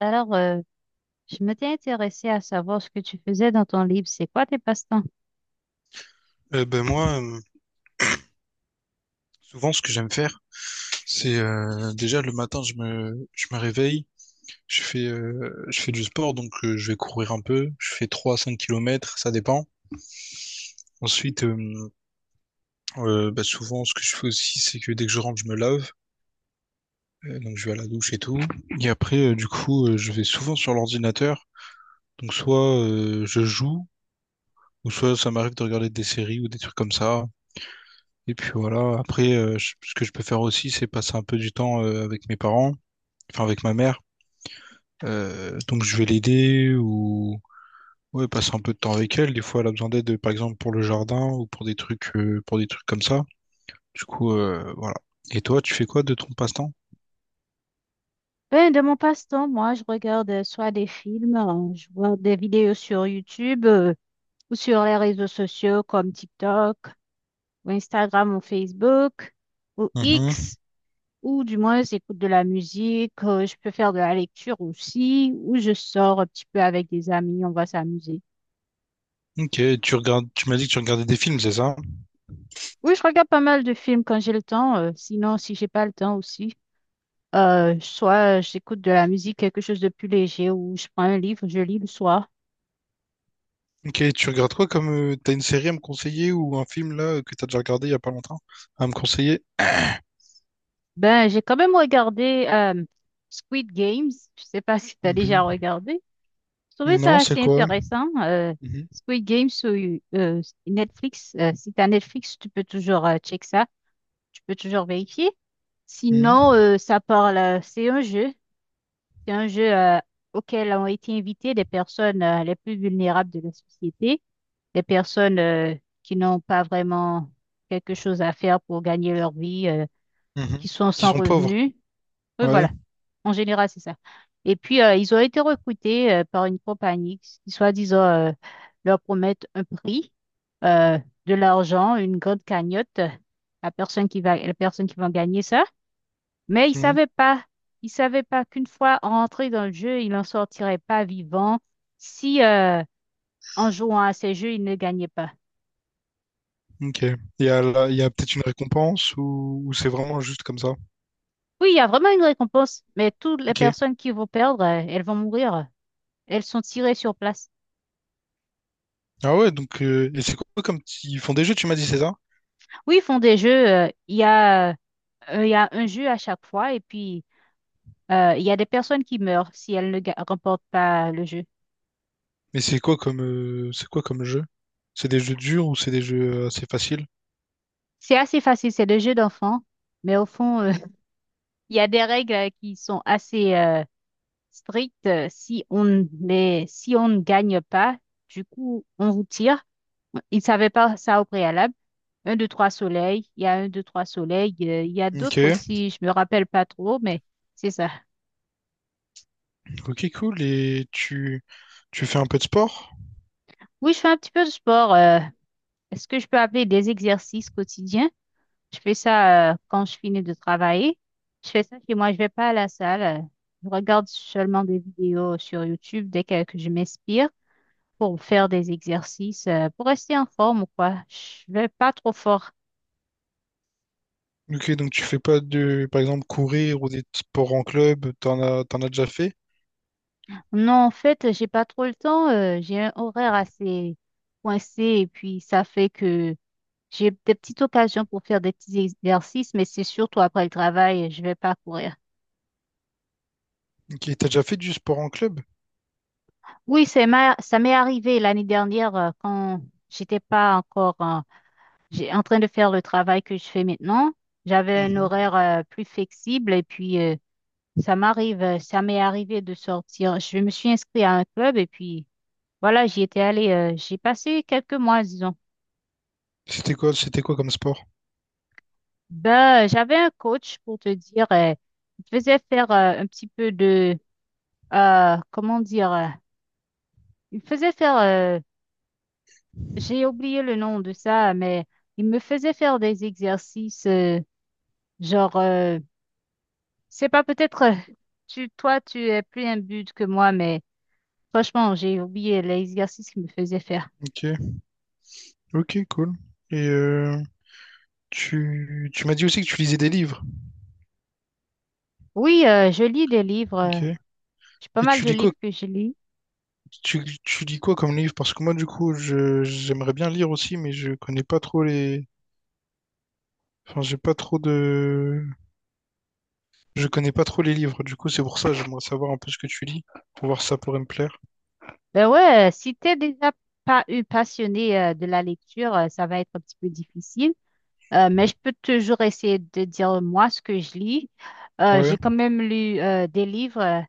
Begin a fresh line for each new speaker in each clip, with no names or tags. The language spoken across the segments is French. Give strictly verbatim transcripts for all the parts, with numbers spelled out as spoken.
Alors, euh, je m'étais intéressée à savoir ce que tu faisais dans ton livre. C'est quoi tes passe-temps?
Euh, ben moi, euh, souvent, ce que j'aime faire, c'est euh, déjà le matin, je me, je me réveille, je fais, euh, je fais du sport, donc euh, je vais courir un peu, je fais trois à cinq kilomètres, ça dépend. Ensuite, euh, euh, bah, souvent, ce que je fais aussi, c'est que dès que je rentre, je me lave. Euh, donc je vais à la douche et tout. Et après, euh, du coup, euh, je vais souvent sur l'ordinateur, donc soit euh, je joue, ou soit ça m'arrive de regarder des séries ou des trucs comme ça. Et puis voilà, après, euh, je- ce que je peux faire aussi, c'est passer un peu du temps euh, avec mes parents, enfin avec ma mère. Euh, donc je vais l'aider ou ouais, passer un peu de temps avec elle. Des fois, elle a besoin d'aide, par exemple, pour le jardin ou pour des trucs, euh, pour des trucs comme ça. Du coup, euh, voilà. Et toi, tu fais quoi de ton passe-temps?
Ben, de mon passe-temps, moi, je regarde euh, soit des films, euh, je vois des vidéos sur YouTube, euh, ou sur les réseaux sociaux comme TikTok, ou Instagram, ou Facebook, ou
Mhm.
X, ou du moins, j'écoute de la musique, euh, je peux faire de la lecture aussi, ou je sors un petit peu avec des amis, on va s'amuser.
Ok, tu regardes, tu m'as dit que tu regardais des films, c'est ça?
Oui, je regarde pas mal de films quand j'ai le temps, euh, sinon, si j'ai pas le temps aussi. Euh, soit j'écoute de la musique, quelque chose de plus léger, ou je prends un livre, je lis le soir.
Ok, tu regardes quoi comme euh, t'as une série à me conseiller ou un film là que t'as déjà regardé il y a pas longtemps à me conseiller?
Ben, j'ai quand même regardé euh, Squid Games. Je sais pas si tu as déjà
Mhm.
regardé. Je trouvais ça
Non, c'est
assez
quoi?
intéressant. Euh,
Mhm.
Squid Games sur euh, Netflix. Euh, si tu as Netflix, tu peux toujours euh, check ça. Tu peux toujours vérifier. Sinon,
Mhm.
euh, ça parle, euh, c'est un jeu. C'est un jeu euh, auquel ont été invitées des personnes euh, les plus vulnérables de la société. Les personnes euh, qui n'ont pas vraiment quelque chose à faire pour gagner leur vie, euh, qui
Mhm.
sont
Qui
sans
sont pauvres,
revenus. Oui,
ouais.
voilà. En général, c'est ça. Et puis, euh, ils ont été recrutés euh, par une compagnie qui, soi-disant, euh, leur promettent un prix, euh, de l'argent, une grande cagnotte, euh, la personne qui va, la personne qui va gagner ça. Mais ils
Mhm.
savaient pas, ils savaient pas qu'une fois rentrés dans le jeu, ils n'en sortiraient pas vivants si, euh, en jouant à ces jeux, ils ne gagnaient pas.
Ok. Il y a, la- il y a peut-être une récompense ou, ou c'est vraiment juste comme ça?
Oui, il y a vraiment une récompense, mais toutes les
Ok.
personnes qui vont perdre, euh, elles vont mourir. Elles sont tirées sur place.
Ah ouais, donc euh, et c'est quoi comme t- ils font des jeux, tu m'as dit, c'est ça?
Oui, ils font des jeux. Euh, Il y a, euh, il y a un jeu à chaque fois et puis euh, il y a des personnes qui meurent si elles ne ga- remportent pas le jeu.
Mais c'est quoi comme euh, c'est quoi comme jeu? C'est des jeux durs ou c'est des jeux euh, assez faciles?
C'est assez facile, c'est des jeux d'enfants, mais au fond, euh, il y a des règles euh, qui sont assez euh, strictes. Euh, Si on ne- si on ne gagne pas, du coup, on vous tire. Ils ne savaient pas ça au préalable. Un, deux, trois soleils. Il y a un, deux, trois soleils. euh, Il y a
Ok.
d'autres aussi. Je me rappelle pas trop, mais c'est ça.
Ok, cool. Et tu, tu fais un peu de sport?
Oui, je fais un petit peu de sport. Euh, est-ce que je peux appeler des exercices quotidiens? Je fais ça euh, quand je finis de travailler. Je fais ça chez moi. Je vais pas à la salle. Euh, Je regarde seulement des vidéos sur YouTube dès que, que je m'inspire pour faire des exercices, euh, pour rester en forme ou quoi. Je vais pas trop fort.
Ok, donc tu fais pas de, par exemple, courir ou des sports en club, t'en as, t'en as déjà fait?
Non, en fait, j'ai pas trop le temps. Euh, j'ai un horaire assez coincé et puis ça fait que j'ai des petites occasions pour faire des petits exercices, mais c'est surtout après le travail, je vais pas courir.
Ok, t'as déjà fait du sport en club?
Oui, c'est ma- ça m'est arrivé l'année dernière euh, quand j'étais pas encore euh, j'ai- en train de faire le travail que je fais maintenant. J'avais un
Mhm.
horaire euh, plus flexible et puis euh, ça m'arrive, euh, ça m'est arrivé de sortir. Je me suis inscrite à un club et puis voilà, j'y étais allée. Euh, j'ai passé quelques mois, disons.
C'était quoi, c'était quoi comme sport?
Ben, euh, j'avais un coach pour te dire, euh, il te faisait faire euh, un petit peu de euh, comment dire. Euh, Il faisait faire, euh, j'ai oublié le nom de ça, mais il me faisait faire des exercices, euh, genre, euh, c'est pas peut-être, euh, tu, toi, tu es plus imbude que moi, mais franchement, j'ai oublié l'exercice qu'il me faisait faire.
Ok, ok, cool. Et euh, Tu, tu m'as dit aussi que tu lisais des livres.
Oui, euh, je lis des livres, euh,
Ok. Et
j'ai pas mal
tu
de
lis quoi,
livres que je lis.
tu, tu lis quoi comme livre? Parce que moi, du coup, je, j'aimerais bien lire aussi, mais je connais pas trop les, enfin, j'ai pas trop de, je connais pas trop les livres. Du coup, c'est pour ça, j'aimerais savoir un peu ce que tu lis, pour voir si ça pourrait me plaire.
Ben ouais, euh, si t'es déjà pas eu passionné, euh, de la lecture, euh, ça va être un petit peu difficile. Euh, mais je peux toujours essayer de dire moi ce que je lis. Euh,
Ouais.
j'ai quand même lu, euh, des livres. Euh,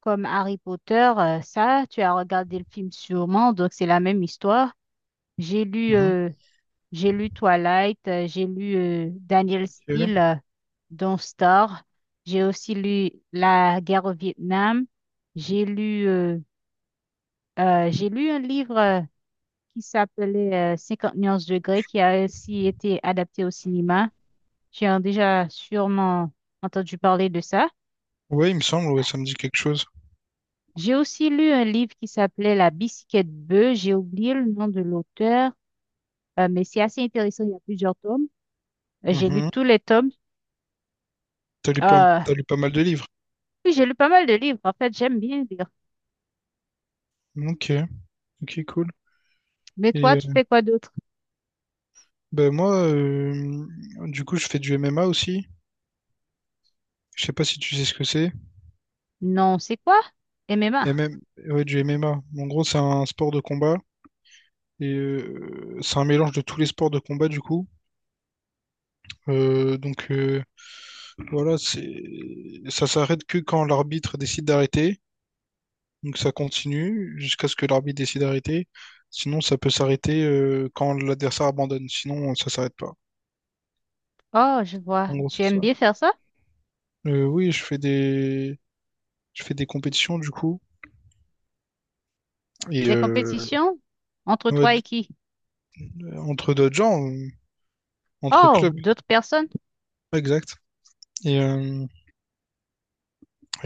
Comme Harry Potter, euh, ça, tu as regardé le film sûrement, donc c'est la même histoire. J'ai lu,
Mhm.
euh, j'ai lu Twilight, euh, j'ai lu euh, Daniel
Ok.
Steele euh, dans Star, j'ai aussi lu La guerre au Vietnam, j'ai lu, euh, euh, j'ai lu un livre euh, qui s'appelait euh, cinquante nuances de Grey qui a aussi été adapté au cinéma. Tu as déjà sûrement entendu parler de ça.
Ouais, il me semble, ouais, ça me dit quelque chose.
J'ai aussi lu un livre qui s'appelait La bicyclette bleue. J'ai oublié le nom de l'auteur, euh, mais c'est assez intéressant. Il y a plusieurs tomes. Euh, J'ai lu
Mhm.
tous les tomes.
T'as lu pas,
Euh,
t'as lu pas mal de livres.
oui, j'ai lu pas mal de livres. En fait, j'aime bien lire.
Ok. Ok, cool.
Mais
Et
toi,
euh,
tu fais quoi d'autre?
ben moi, euh, du coup, je fais du M M A aussi. Je sais pas si tu sais ce que c'est.
Non, c'est quoi? M M A.
M M... Ouais, du M M A. En gros, c'est un sport de combat. Et euh, c'est un mélange de tous les sports de combat du coup. Euh, donc euh, voilà, c'est Ça s'arrête que quand l'arbitre décide d'arrêter. Donc ça continue jusqu'à ce que l'arbitre décide d'arrêter. Sinon, ça peut s'arrêter euh, quand l'adversaire abandonne. Sinon, ça s'arrête pas.
Oh, je vois.
En gros,
Tu
c'est
aimes
ça.
bien faire ça?
Euh, oui, je fais des je fais des compétitions du coup et
Des
euh,
compétitions? Entre
ouais,
toi et
d-
qui?
entre d'autres gens, euh, entre
Oh,
clubs,
d'autres personnes?
exact. Et, euh,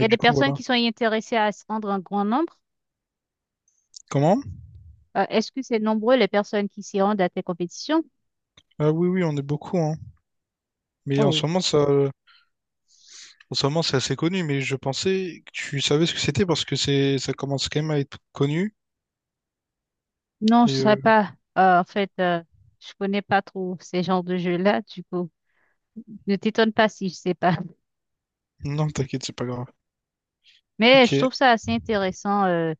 Il y a des
du coup
personnes
voilà.
qui sont intéressées à se rendre en grand nombre.
Comment?
Euh, est-ce que c'est nombreux les personnes qui s'y rendent à tes compétitions?
Ah oui oui, on est beaucoup hein. Mais en ce
Oh,
moment ça En ce moment, c'est assez connu, mais je pensais que tu savais ce que c'était parce que c'est, ça commence quand même à être connu.
non, je
Et
sais
euh,
pas. Euh, en fait, euh, je connais pas trop ces genres de jeux-là, du coup. Ne t'étonne pas si je sais pas.
non, t'inquiète, c'est pas grave.
Mais
Ok.
je trouve ça assez intéressant. Euh,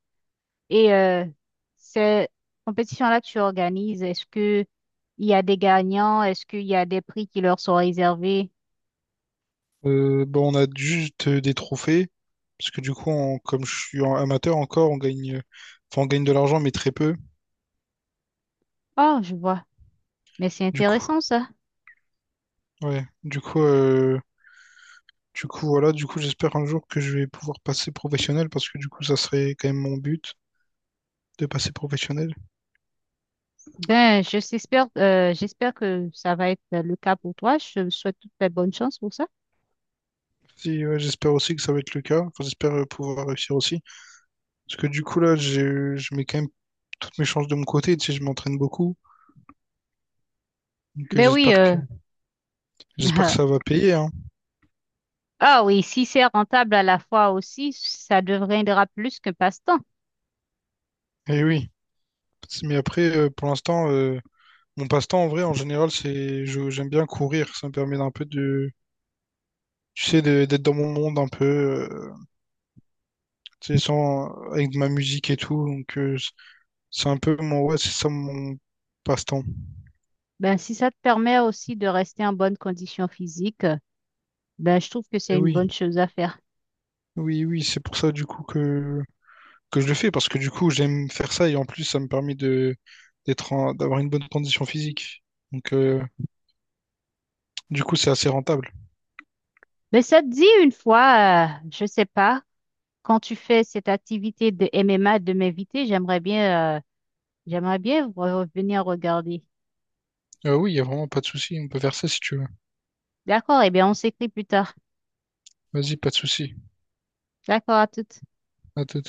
et euh, ces compétitions-là que tu organises, est-ce que il y a des gagnants? Est-ce qu'il y a des prix qui leur sont réservés?
Euh, bon, on a juste des trophées parce que du coup, on- comme je suis en- amateur encore, on gagne, enfin, on gagne de l'argent, mais très peu.
Oh, je vois. Mais c'est
Du coup,
intéressant ça.
ouais. Du coup, euh, du coup, voilà. Du coup, j'espère un jour que je vais pouvoir passer professionnel parce que du coup, ça serait quand même mon but de passer professionnel.
Ben, je s'espère, euh, j'espère que ça va être le cas pour toi. Je te souhaite toute la bonne chance pour ça.
Si, ouais, j'espère aussi que ça va être le cas. Enfin, j'espère euh, pouvoir réussir aussi. Parce que du coup, là, j'ai- je mets quand même toutes mes chances de mon côté. Tu sais, je m'entraîne beaucoup. Donc euh,
Ben oui,
j'espère
euh,
que j'espère que ça va payer, hein.
Ah oui, si c'est rentable à la fois aussi, ça deviendra plus que passe-temps.
Et oui. Mais après, euh, pour l'instant, euh, mon passe-temps en vrai, en général, c'est je- j'aime bien courir. Ça me permet d'un peu de, Tu sais, de- d'être dans mon monde un peu, euh, tu sais, sans avec ma musique et tout. Donc euh, c- c'est un peu mon, ouais, c'est ça mon passe-temps.
Ben, si ça te permet aussi de rester en bonne condition physique, euh, ben, je trouve que
Et
c'est une bonne
oui,
chose à faire.
oui, oui, c'est pour ça du coup que que je le fais parce que du coup j'aime faire ça et en plus ça me permet de d'être en- d'avoir une bonne condition physique. Donc euh, Du coup, c'est assez rentable.
Mais ça te dit une fois, euh, je sais pas, quand tu fais cette activité de M M A de m'inviter, j'aimerais bien, euh, j'aimerais bien re- revenir regarder.
Euh, oui, il n'y a vraiment pas de souci. On peut faire ça si tu veux.
D'accord, eh bien, on s'écrit plus tard.
Vas-y, pas de souci.
D'accord, à tout.
À tout.